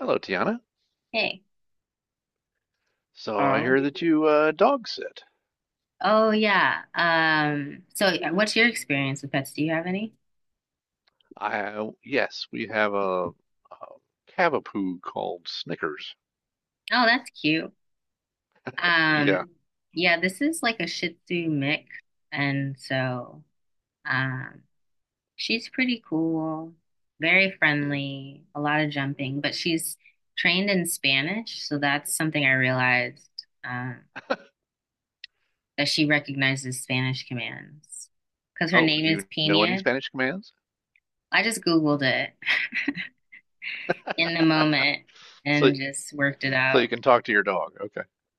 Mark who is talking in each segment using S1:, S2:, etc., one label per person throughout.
S1: Hello, Tiana.
S2: Hey.
S1: So I
S2: Carl.
S1: hear that you dog sit.
S2: Oh yeah. What's your experience with pets? Do you have any?
S1: I Yes, we have a cavapoo called Snickers.
S2: Oh, that's cute.
S1: Yeah.
S2: Um, yeah, this is like a Shih Tzu mix, and so um she's pretty cool, very
S1: Yeah.
S2: friendly, a lot of jumping, but she's trained in Spanish, so that's something I realized that she recognizes Spanish commands because her
S1: Oh,
S2: name
S1: do
S2: is
S1: you know any
S2: Pina.
S1: Spanish commands?
S2: I just Googled it in the moment
S1: So
S2: and just worked it
S1: so you
S2: out.
S1: can talk to your dog.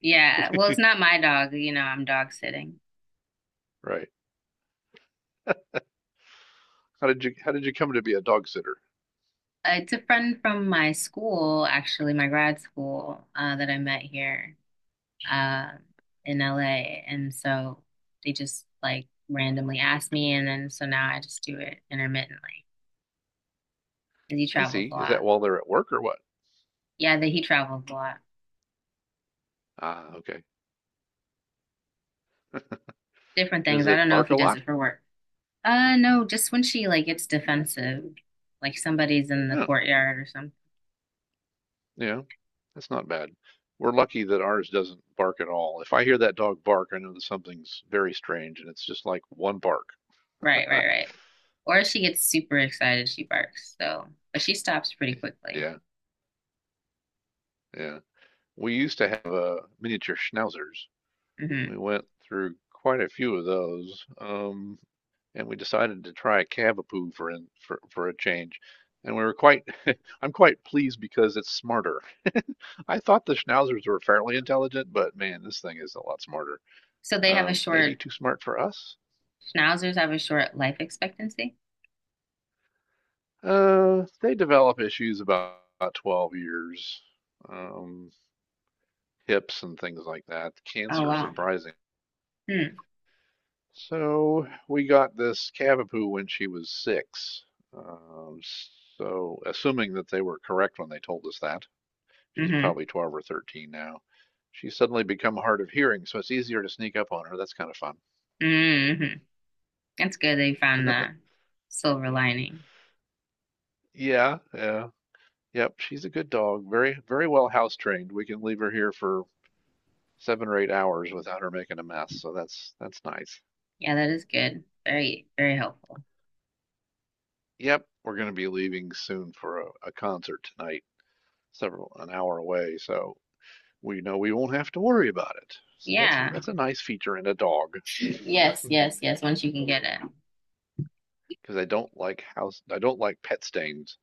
S2: Yeah, well, it's
S1: Okay.
S2: not my dog, you know, I'm dog sitting.
S1: Right. How did you come to be a dog sitter?
S2: It's a friend from my school, actually, my grad school, that I met here uh, in LA. And so they just like randomly asked me, and then so now I just do it intermittently because he
S1: I
S2: travels
S1: see.
S2: a
S1: Is
S2: lot.
S1: that while they're at work or what?
S2: Yeah, that he travels a lot.
S1: Ah, okay.
S2: Different things.
S1: Does
S2: I
S1: it
S2: don't know if
S1: bark
S2: he
S1: a
S2: does
S1: lot?
S2: it for work. No, just when she like gets defensive, like somebody's in the
S1: Huh.
S2: courtyard or something.
S1: Yeah, that's not bad. We're lucky that ours doesn't bark at all. If I hear that dog bark, I know that something's very strange, and it's just like one bark.
S2: Right, right, right. Or if she gets super excited, she barks. So, but she stops pretty
S1: Eh,
S2: quickly.
S1: yeah, yeah. We used to have miniature schnauzers.
S2: Hmm.
S1: We went through quite a few of those, and we decided to try a cavapoo for in, for for a change. And we were quite, I'm quite pleased because it's smarter. I thought the schnauzers were fairly intelligent, but man, this thing is a lot smarter.
S2: So they have a
S1: Maybe too smart for us.
S2: schnauzers have a short life expectancy.
S1: They develop issues about 12 years, um, hips and things like that.
S2: Oh,
S1: Cancer,
S2: wow.
S1: surprising.
S2: Hmm.
S1: So we got this cavapoo when she was six. Um, so assuming that they were correct when they told us that, she's
S2: Mm-hmm.
S1: probably 12 or 13 now. She's suddenly become hard of hearing, so it's easier to sneak up on her. That's kind of fun.
S2: Mm-hmm. That's good they found the silver lining.
S1: Yeah, yeah, yep. She's a good dog. Very, very well house trained. We can leave her here for 7 or 8 hours without her making a mess. So that's nice.
S2: Yeah, that is good. Very, very helpful.
S1: Yep, we're going to be leaving soon for a concert tonight, several an hour away. So we know we won't have to worry about it. So that's
S2: Yeah.
S1: that's a nice feature in a dog
S2: Yes, yes, yes. Once you can get it.
S1: because I don't like pet stains.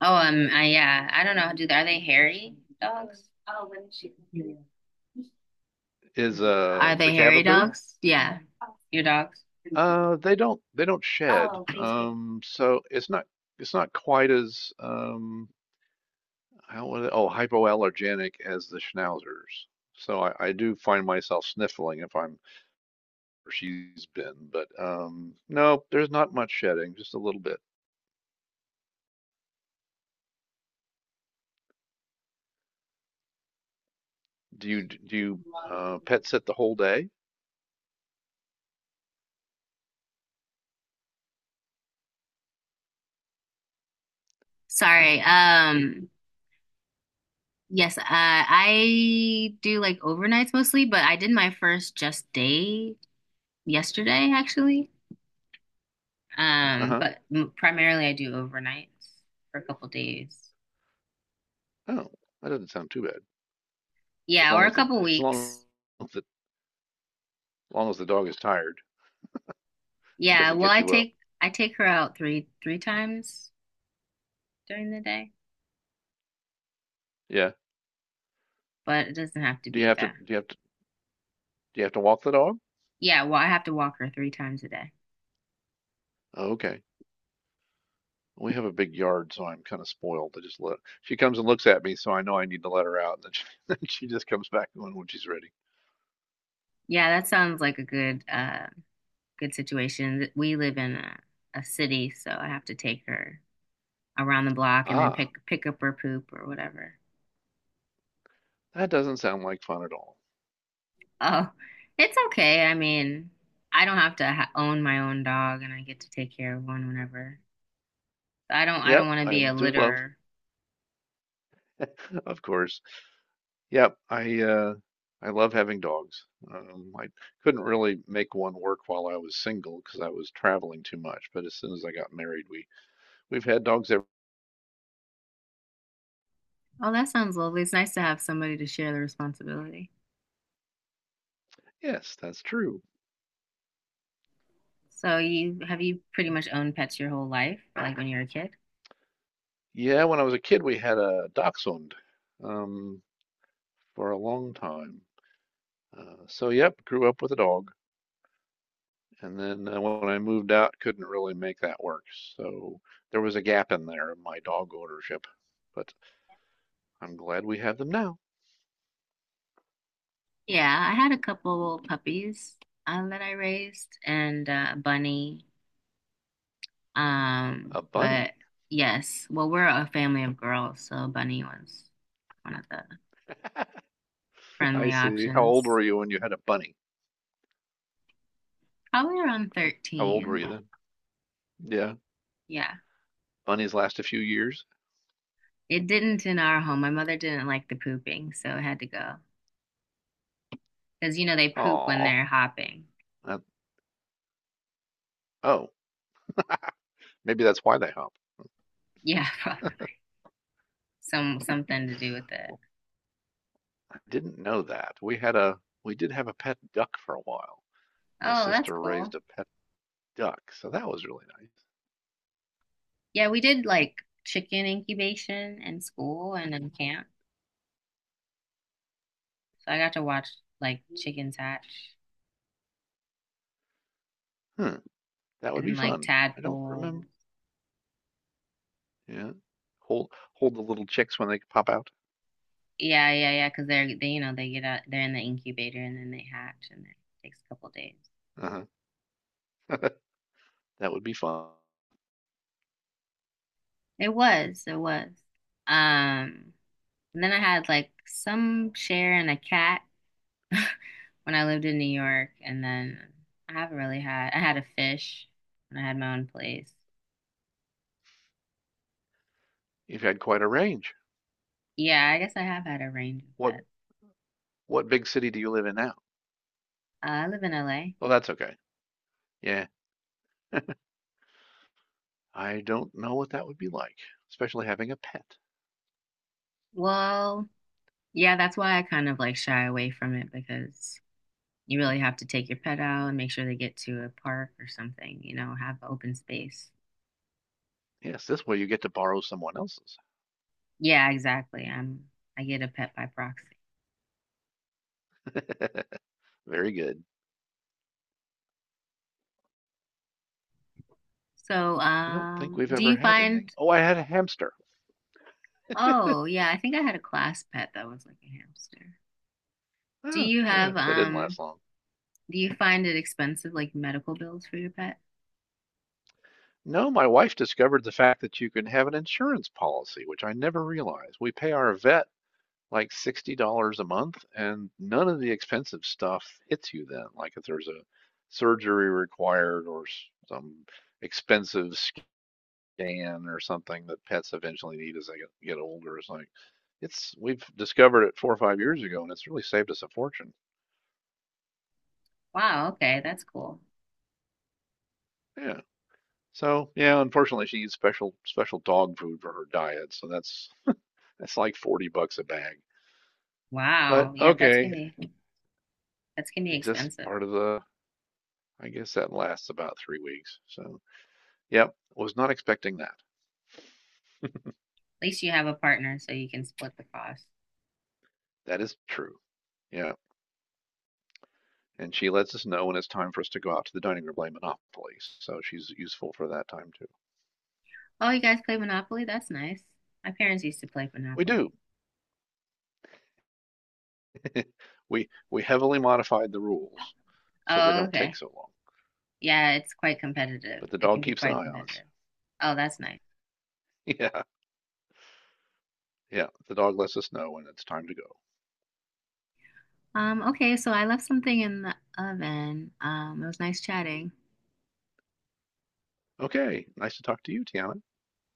S2: Oh, I, yeah. I don't know. Do Are they hairy dogs?
S1: Is
S2: Are
S1: the
S2: they hairy
S1: cavapoo?
S2: dogs? Yeah, your dogs.
S1: They don't shed. So it's not quite as how was it? Oh, hypoallergenic as the schnauzers. So I do find myself sniffling if I'm or she's been, but no, there's not much shedding, just a little bit. Do you pet sit the whole day?
S2: Sorry. Yes, I do like overnights mostly, but I did my first just day yesterday actually.
S1: Uh
S2: Um,
S1: huh.
S2: but m- primarily I do overnights for a couple days.
S1: Oh, that doesn't sound too bad. As
S2: Yeah, or
S1: long as
S2: a
S1: the
S2: couple
S1: as long
S2: weeks.
S1: as the, as long as the dog is tired and
S2: Yeah,
S1: doesn't
S2: well,
S1: get you up.
S2: I take her out three times during the day,
S1: Yeah.
S2: but it doesn't have to
S1: Do you
S2: be
S1: have to
S2: that.
S1: do you have to do you have to walk the dog?
S2: Yeah, well, I have to walk her three times a day.
S1: Oh, okay. We have a big yard, so I'm kind of spoiled. I just let She comes and looks at me, so I know I need to let her out. And then she, then she just comes back when she's ready.
S2: Yeah, that sounds like a good good situation. We live in a city, so I have to take her around the block and then
S1: Ah,
S2: pick up her poop or whatever.
S1: that doesn't sound like fun at all.
S2: Oh, it's okay. I mean, I don't have to ha own my own dog, and I get to take care of one whenever. I don't
S1: Yep,
S2: want to
S1: I
S2: be a
S1: do love,
S2: litterer.
S1: of course. Yep, I love having dogs. I couldn't really make one work while I was single because I was traveling too much. But as soon as I got married, we've had dogs ever.
S2: Oh, that sounds lovely. It's nice to have somebody to share the responsibility.
S1: Yes, that's true.
S2: So you pretty much owned pets your whole life, like when you were a kid?
S1: Yeah, when I was a kid, we had a dachshund um, for a long time. Uh, so yep, grew up with a dog, and then when I moved out, couldn't really make that work. So there was a gap in there in my dog ownership, but I'm glad we have them now.
S2: Yeah, I had a couple puppies that I raised and a bunny. Um,
S1: A bunny.
S2: but yes, well, we're a family of girls, so Bunny was one of the
S1: I
S2: friendly
S1: see. How old
S2: options.
S1: were you when you had a bunny?
S2: Probably around
S1: How old were
S2: 13.
S1: you then? Yeah,
S2: Yeah.
S1: bunnies last a few years.
S2: It didn't in our home. My mother didn't like the pooping, so it had to go. Because you know they poop when
S1: Aw,
S2: they're hopping.
S1: that, oh, maybe that's why they hop.
S2: Yeah, probably something to do with it.
S1: Well, I didn't know that. We had a we did have a pet duck for a while. My
S2: Oh, that's
S1: sister
S2: cool.
S1: raised a pet duck, so that was really
S2: Yeah, we did like chicken incubation in school and in camp. So I got to watch like chickens hatch
S1: nice. Hmm, that would be
S2: and like
S1: fun. I don't
S2: tadpoles.
S1: remember. Yeah. Hold the little chicks when they pop out.
S2: Yeah, yeah, yeah, because they you know they get out, they're in the incubator and then they hatch and it takes a couple days.
S1: Uh-huh. That would be fun.
S2: It was, it was. Um, and then I had like some share in a cat when I lived in New York, and then I haven't really had I had a fish when I had my own place.
S1: You've had quite a range.
S2: Yeah, I guess I have had a range of
S1: What
S2: pets.
S1: what big city do you live in now?
S2: I live in LA.
S1: Oh, that's okay. Yeah. I don't know what that would be like, especially having a pet.
S2: Well, yeah, that's why I kind of like shy away from it because you really have to take your pet out and make sure they get to a park or something, you know, have open space.
S1: Yes, this way you get to borrow someone else's.
S2: Yeah, exactly. I get a pet by proxy.
S1: Very good.
S2: So,
S1: I don't think we've
S2: do
S1: ever
S2: you
S1: had
S2: find
S1: anything. Oh, I had a hamster.
S2: oh, yeah, I think I had a class pet that was like a hamster. Do
S1: Ah,
S2: you
S1: yeah,
S2: have
S1: that didn't last long.
S2: do you find it expensive like medical bills for your pet?
S1: No, my wife discovered the fact that you can have an insurance policy, which I never realized. We pay our vet like $60 a month, and none of the expensive stuff hits you then. Like if there's a surgery required or some expensive scan or something that pets eventually need as they get older, it's like it's we've discovered it 4 or 5 years ago, and it's really saved us a fortune.
S2: Wow, okay, that's cool.
S1: Yeah. So yeah, unfortunately, she eats special dog food for her diet, so that's like 40 bucks a bag. But
S2: Wow. Yeah,
S1: okay,
S2: pets can be
S1: and just
S2: expensive.
S1: part of the. I guess that lasts about 3 weeks. So. Yep. Was not expecting that.
S2: At least you have a partner so you can split the cost.
S1: That is true. Yeah. And she lets us know when it's time for us to go out to the dining room to play Monopoly. So she's useful for that time too.
S2: Oh, you guys play Monopoly? That's nice. My parents used to play
S1: We
S2: Monopoly.
S1: do. We heavily modified the rules so they
S2: Oh,
S1: don't take
S2: okay.
S1: so long.
S2: Yeah, it's quite competitive.
S1: But the
S2: It
S1: dog
S2: can be
S1: keeps an
S2: quite
S1: eye on us.
S2: competitive. Oh, that's nice.
S1: Yeah, yeah. The dog lets us know when it's time to go.
S2: Okay, so I left something in the oven. It was nice chatting.
S1: Okay. Nice to talk to you, Tiana.